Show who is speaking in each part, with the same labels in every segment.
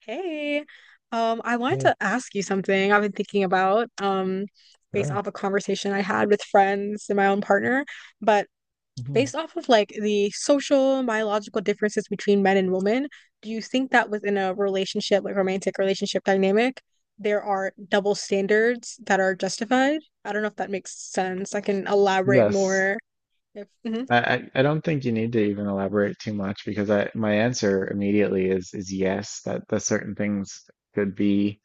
Speaker 1: Hey, I wanted
Speaker 2: Hey,
Speaker 1: to ask you something I've been thinking about, based
Speaker 2: bro.
Speaker 1: off a conversation I had with friends and my own partner, but
Speaker 2: Mhm.
Speaker 1: based off of like the social, biological differences between men and women, do you think that within a relationship, like romantic relationship dynamic, there are double standards that are justified? I don't know if that makes sense. I can elaborate
Speaker 2: Yes.
Speaker 1: more if. Mhm,
Speaker 2: I, I don't think you need to even elaborate too much because I my answer immediately is yes, that certain things could be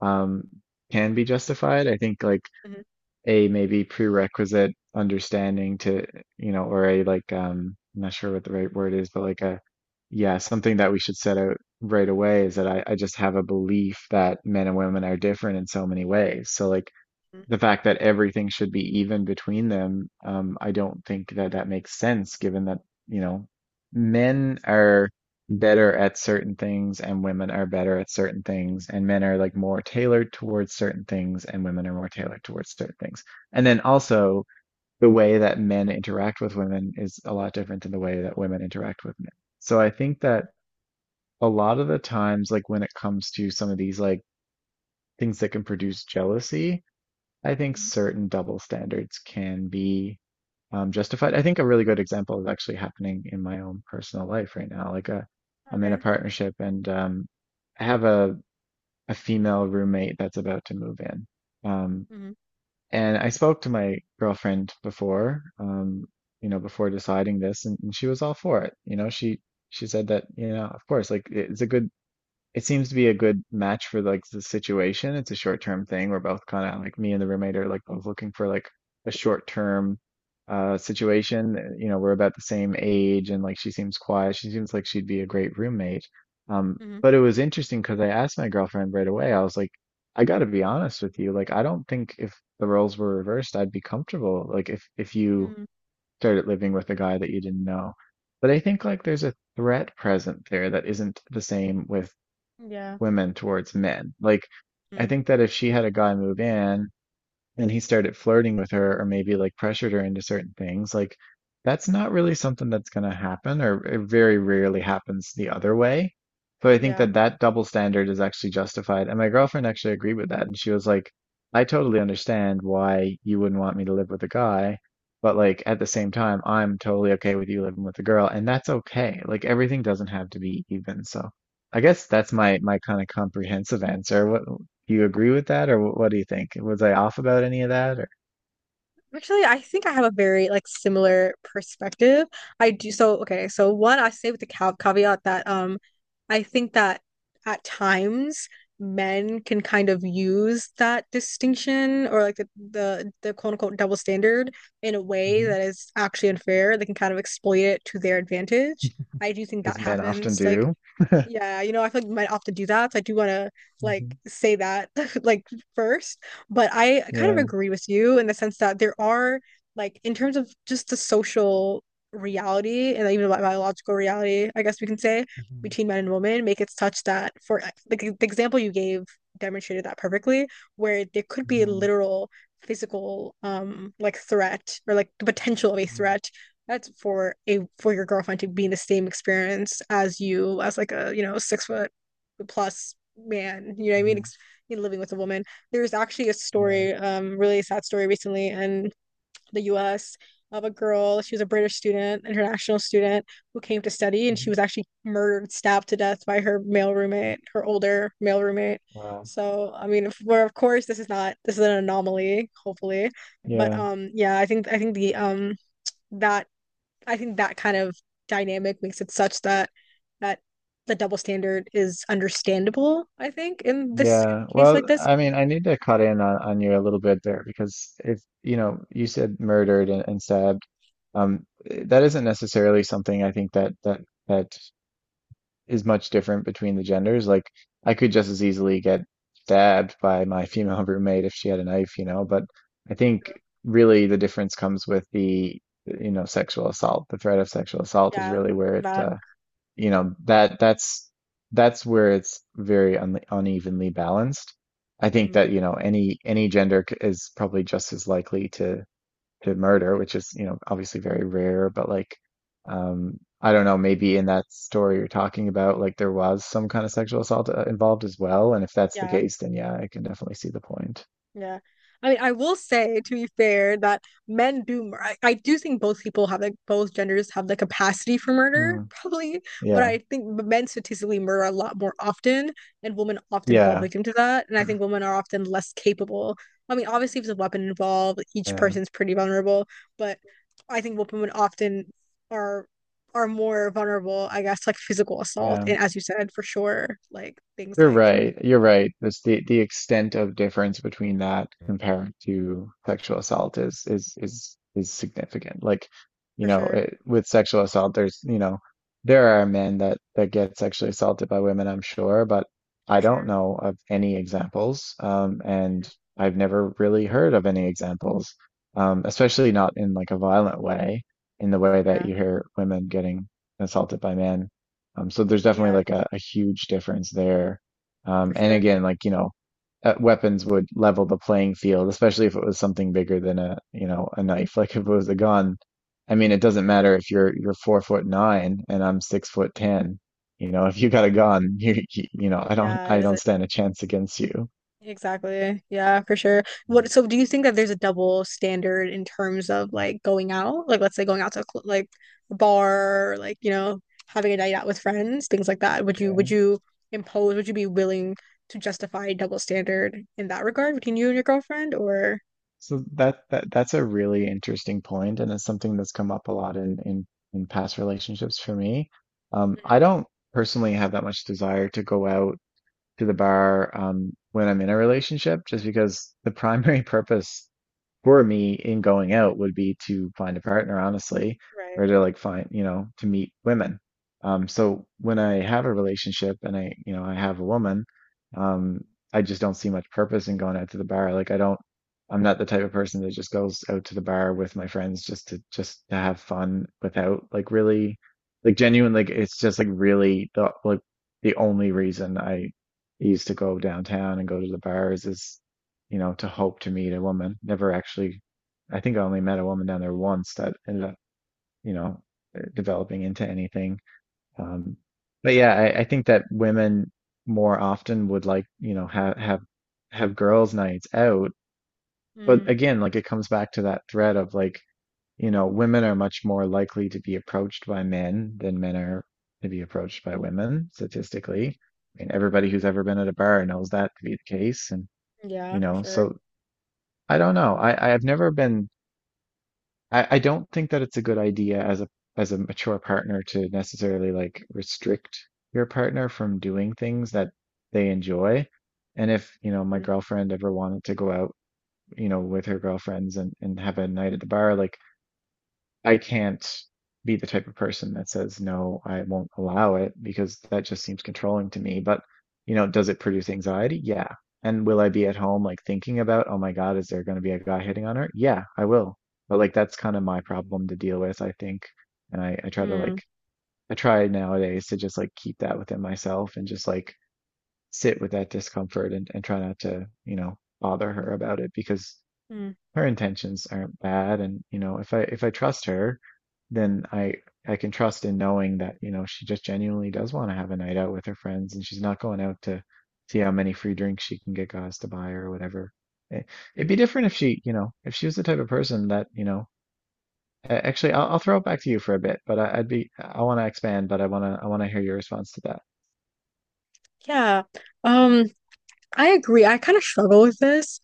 Speaker 2: um can be justified. I think like
Speaker 1: mhm,
Speaker 2: a maybe prerequisite understanding to you know, or a like I'm not sure what the right word is, but like a yeah, something that we should set out right away is that I just have a belief that men and women are different in so many ways. So like
Speaker 1: mhm,
Speaker 2: the fact that everything should be even between them, I don't think that that makes sense given that, you know, men are better at certain things and women are better at certain things and men are like more tailored towards certain things and women are more tailored towards certain things. And then also the way that men interact with women is a lot different than the way that women interact with men. So I think that a lot of the times, like when it comes to some of these like things that can produce jealousy, I think
Speaker 1: mhm.
Speaker 2: certain double standards can be justified. I think a really good example is actually happening in my own personal life right now. Like I'm in a
Speaker 1: Okay.
Speaker 2: partnership and I have a female roommate that's about to move in. Um,
Speaker 1: Mm-hmm.
Speaker 2: and I spoke to my girlfriend before, before deciding this, and she was all for it. She said that, of course, like it's a good it seems to be a good match for like the situation. It's a short term thing. We're both kind of like me and the roommate are like both looking for like a short term situation. We're about the same age and like she seems quiet. She seems like she'd be a great roommate. Um,
Speaker 1: Mm-hmm.
Speaker 2: but it was interesting because I asked my girlfriend right away. I was like, I gotta be honest with you. Like, I don't think if the roles were reversed, I'd be comfortable. Like, if you
Speaker 1: Mm-hmm.
Speaker 2: started living with a guy that you didn't know. But I think like there's a threat present there that isn't the same with
Speaker 1: Yeah.
Speaker 2: women towards men. Like, I
Speaker 1: Mm.
Speaker 2: think that if she had a guy move in and he started flirting with her or maybe like pressured her into certain things, like that's not really something that's going to happen or it very rarely happens the other way. So I think
Speaker 1: Yeah.
Speaker 2: that that double standard is actually justified. And my girlfriend actually agreed with that. And she was like, I totally understand why you wouldn't want me to live with a guy, but like at the same time, I'm totally okay with you living with a girl, and that's okay. Like everything doesn't have to be even. So I guess that's my kind of comprehensive answer. What Do you agree with that, or what do you think? Was I off about any of that, or
Speaker 1: Actually, I think I have a very like similar perspective. I do so okay, so one I say with the cav caveat that I think that at times men can kind of use that distinction or like the quote unquote double standard in a way
Speaker 2: Mhm.
Speaker 1: that is actually unfair. They can kind of exploit it to their advantage. I do think that
Speaker 2: As men often
Speaker 1: happens. Like
Speaker 2: do?
Speaker 1: yeah, you know, I feel like you might opt to do that. So I do want to like
Speaker 2: Mhm.
Speaker 1: say that like first, but I kind of
Speaker 2: Yeah.
Speaker 1: agree with you in the sense that there are like in terms of just the social reality and even the biological reality, I guess we can say
Speaker 2: Mhm.
Speaker 1: between men and women, make it such that for like the example you gave demonstrated that perfectly, where there could be a
Speaker 2: Mhm.
Speaker 1: literal physical like threat or like the potential of a
Speaker 2: Mhm.
Speaker 1: threat that's for a for your girlfriend to be in the same experience as you as like a you know 6 foot plus man. You know what I mean?
Speaker 2: Mhm.
Speaker 1: Living with a woman. There's actually a
Speaker 2: Yeah.
Speaker 1: story, really sad story recently in the U.S. of a girl. She was a British student, international student who came to study, and she
Speaker 2: Mhm.
Speaker 1: was actually murdered, stabbed to death by her male roommate, her older male roommate.
Speaker 2: Wow.
Speaker 1: So I mean, if, we of course this is not this is an anomaly, hopefully, but
Speaker 2: Yeah.
Speaker 1: yeah, I think the that I think that kind of dynamic makes it such that that the double standard is understandable, I think, in
Speaker 2: Yeah.
Speaker 1: a case like
Speaker 2: Well,
Speaker 1: this.
Speaker 2: I mean, I need to cut in on you a little bit there because if, you know, you said murdered and stabbed, that isn't necessarily something I think that that is much different between the genders. Like I could just as easily get stabbed by my female roommate if she had a knife, you know, but I think really the difference comes with the, you know, sexual assault. The threat of sexual assault is
Speaker 1: Yeah,
Speaker 2: really where
Speaker 1: that.
Speaker 2: you know, that that's that's where it's very un unevenly balanced. I think
Speaker 1: Mhm.
Speaker 2: that, any gender is probably just as likely to murder, which is, you know, obviously very rare, but like I don't know, maybe in that story you're talking about, like there was some kind of sexual assault involved as well, and if that's the
Speaker 1: Yeah.
Speaker 2: case, then yeah, I can definitely see the point.
Speaker 1: Yeah. I mean, I will say to be fair that I do think both people have like both genders have the capacity for murder,
Speaker 2: Hmm.
Speaker 1: probably, but
Speaker 2: Yeah.
Speaker 1: I think men statistically murder a lot more often and women often fall
Speaker 2: Yeah.
Speaker 1: victim to that. And I think women are often less capable. I mean, obviously if there's a weapon involved, each
Speaker 2: Yeah.
Speaker 1: person's pretty vulnerable, but I think women often are are more vulnerable, I guess, like physical assault
Speaker 2: Yeah.
Speaker 1: and as you said, for sure, like things
Speaker 2: You're
Speaker 1: like
Speaker 2: right. You're right. That's the extent of difference between that compared to sexual assault is significant. Like, you
Speaker 1: for
Speaker 2: know,
Speaker 1: sure,
Speaker 2: it, with sexual assault, there's, you know, there are men that get sexually assaulted by women, I'm sure, but
Speaker 1: for
Speaker 2: I don't
Speaker 1: sure.
Speaker 2: know of any examples. And I've never really heard of any examples, especially not in like a violent way, in the way that
Speaker 1: Yeah.
Speaker 2: you hear women getting assaulted by men. So there's definitely
Speaker 1: Yeah.
Speaker 2: like a huge difference there
Speaker 1: For
Speaker 2: and
Speaker 1: sure.
Speaker 2: again, like, weapons would level the playing field, especially if it was something bigger than a knife. Like if it was a gun, I mean, it doesn't
Speaker 1: Mm,
Speaker 2: matter if you're 4'9" and I'm 6'10". You know, if you got a gun, you know, I don't
Speaker 1: yeah, it
Speaker 2: I don't
Speaker 1: isn't
Speaker 2: stand a chance against you.
Speaker 1: exactly. Yeah, for sure. What, so do you think that there's a double standard in terms of like going out? Like, let's say going out to a like a bar, or, like, you know, having a night out with friends, things like that. Would you, would
Speaker 2: Yeah.
Speaker 1: you impose, would you be willing to justify a double standard in that regard between you and your girlfriend or?
Speaker 2: So that's a really interesting point, and it's something that's come up a lot in past relationships for me. I
Speaker 1: Mhm.
Speaker 2: don't personally have that much desire to go out to the bar when I'm in a relationship, just because the primary purpose for me in going out would be to find a partner, honestly,
Speaker 1: Right.
Speaker 2: or to like find, to meet women. So when I have a relationship and I have a woman, um, I just don't see much purpose in going out to the bar. Like I'm not the type of person that just goes out to the bar with my friends just to have fun without like really, like genuine, like it's just like really the like the only reason I used to go downtown and go to the bars is to hope to meet a woman. Never actually, I think I only met a woman down there once that ended up, you know, developing into anything. Um, but yeah, I think that women more often would like, have girls' nights out. But
Speaker 1: Mm,
Speaker 2: again, like it comes back to that thread of like, women are much more likely to be approached by men than men are to be approached by women
Speaker 1: mm,
Speaker 2: statistically. I mean, everybody who's ever been at a bar knows that to be the case. And,
Speaker 1: yeah, for sure.
Speaker 2: so I don't know. I don't think that it's a good idea as a mature partner to necessarily like restrict your partner from doing things that they enjoy. And if, my
Speaker 1: Mm,
Speaker 2: girlfriend ever wanted to go out, with her girlfriends and have a night at the bar, like I can't be the type of person that says, no, I won't allow it because that just seems controlling to me. But, does it produce anxiety? Yeah. And will I be at home like thinking about, oh my God, is there going to be a guy hitting on her? Yeah, I will. But like that's kind of my problem to deal with, I think. And
Speaker 1: mm,
Speaker 2: I try nowadays to just like keep that within myself and just like sit with that discomfort and try not to, bother her about it because
Speaker 1: mm.
Speaker 2: her intentions aren't bad and if I trust her then I can trust in knowing that she just genuinely does want to have a night out with her friends and she's not going out to see how many free drinks she can get guys to buy or whatever. It, it'd be different if she you know if she was the type of person that actually I'll throw it back to you for a bit but I, I'd be I want to expand but I want to hear your response to that.
Speaker 1: Yeah. Um, I agree. I kind of struggle with this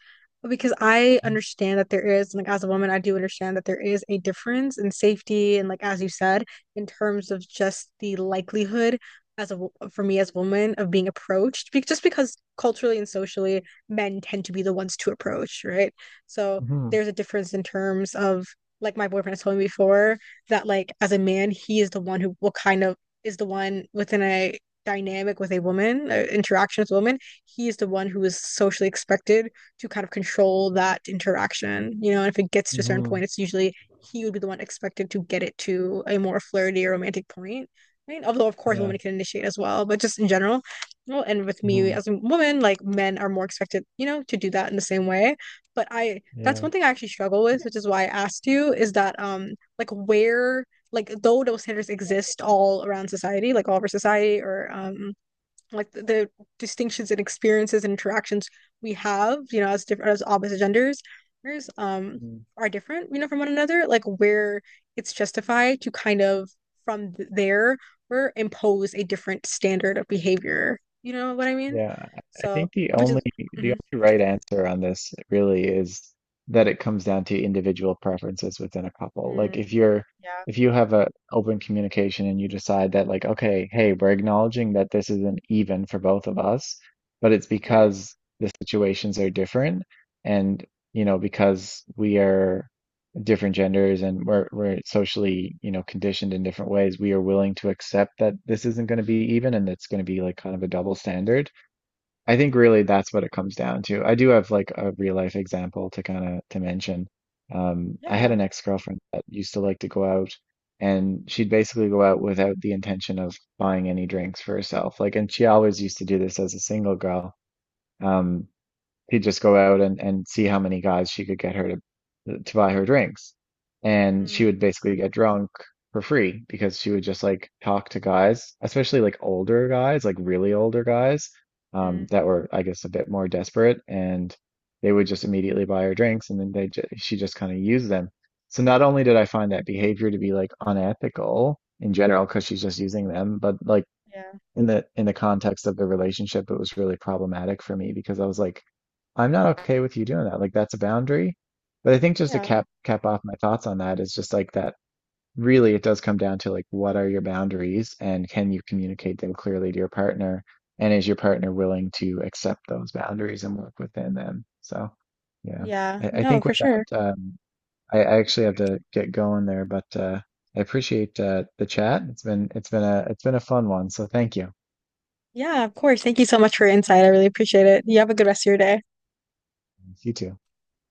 Speaker 1: because I understand that there is, like, as a woman, I do understand that there is a difference in safety and, like, as you said, in terms of just the likelihood as a for me as a woman of being approached, be just because culturally and socially, men tend to be the ones to approach, right? So
Speaker 2: Mm-hmm.
Speaker 1: there's a difference in terms of, like, my boyfriend has told me before that, like, as a man, he is the one who will kind of is the one within a dynamic with a woman, interaction with a woman he is the one who is socially expected to kind of control that interaction, you know, and if it gets to a certain
Speaker 2: Mm-hmm.
Speaker 1: point it's usually he would be the one expected to get it to a more flirty or romantic point. I mean, although of course
Speaker 2: Yeah.
Speaker 1: women can initiate as well, but just in general, well, and with me
Speaker 2: Mm-hmm.
Speaker 1: as a woman, like men are more expected, you know, to do that in the same way. But I, that's
Speaker 2: Yeah.
Speaker 1: one thing I actually struggle with, which is why I asked you, is that like where, like though those standards exist all around society, like all over society, or like the distinctions and experiences and interactions we have, you know, as different as opposite genders, um, are different, you know, from one another. Like where it's justified to kind of from th- there or impose a different standard of behavior. You know what I mean?
Speaker 2: Yeah, I
Speaker 1: So,
Speaker 2: think the
Speaker 1: which
Speaker 2: only
Speaker 1: is,
Speaker 2: the
Speaker 1: mhm.
Speaker 2: only right answer on this really is that it comes down to individual preferences within a couple. Like
Speaker 1: Mm, yeah,
Speaker 2: if you have a open communication and you decide that like, okay, hey, we're acknowledging that this isn't even for both of us, but it's
Speaker 1: right.
Speaker 2: because the situations are different and you know, because we are different genders and we're socially, you know, conditioned in different ways, we are willing to accept that this isn't going to be even and it's going to be like kind of a double standard. I think really that's what it comes down to. I do have like a real life example to kind of to mention. I had
Speaker 1: Yeah.
Speaker 2: an ex-girlfriend that used to like to go out and she'd basically go out without the intention of buying any drinks for herself. Like, and she always used to do this as a single girl. Um, she'd just go out and see how many guys she could get her to buy her drinks. And she
Speaker 1: Mm,
Speaker 2: would basically get drunk for free because she would just like talk to guys, especially like older guys, like really older guys,
Speaker 1: mm,
Speaker 2: that were, I guess, a bit more desperate, and they would just immediately buy her drinks, and then they ju she just kind of used them. So not only did I find that behavior to be like unethical in general because she's just using them, but like
Speaker 1: yeah.
Speaker 2: in the context of the relationship, it was really problematic for me because I was like, I'm not okay with you doing that. Like that's a boundary. But I think just to
Speaker 1: Yeah.
Speaker 2: cap off my thoughts on that is just like that really it does come down to like what are your boundaries and can you communicate them clearly to your partner? And is your
Speaker 1: Mm,
Speaker 2: partner willing to accept those boundaries and work within them? So yeah.
Speaker 1: yeah.
Speaker 2: I
Speaker 1: No,
Speaker 2: think
Speaker 1: for
Speaker 2: with
Speaker 1: sure.
Speaker 2: that, I actually have to get going there, but I appreciate the chat. It's been a fun one, so thank you.
Speaker 1: Yeah, of course. Thank you so much for your insight. I really appreciate it. You have a good rest of your day.
Speaker 2: You too.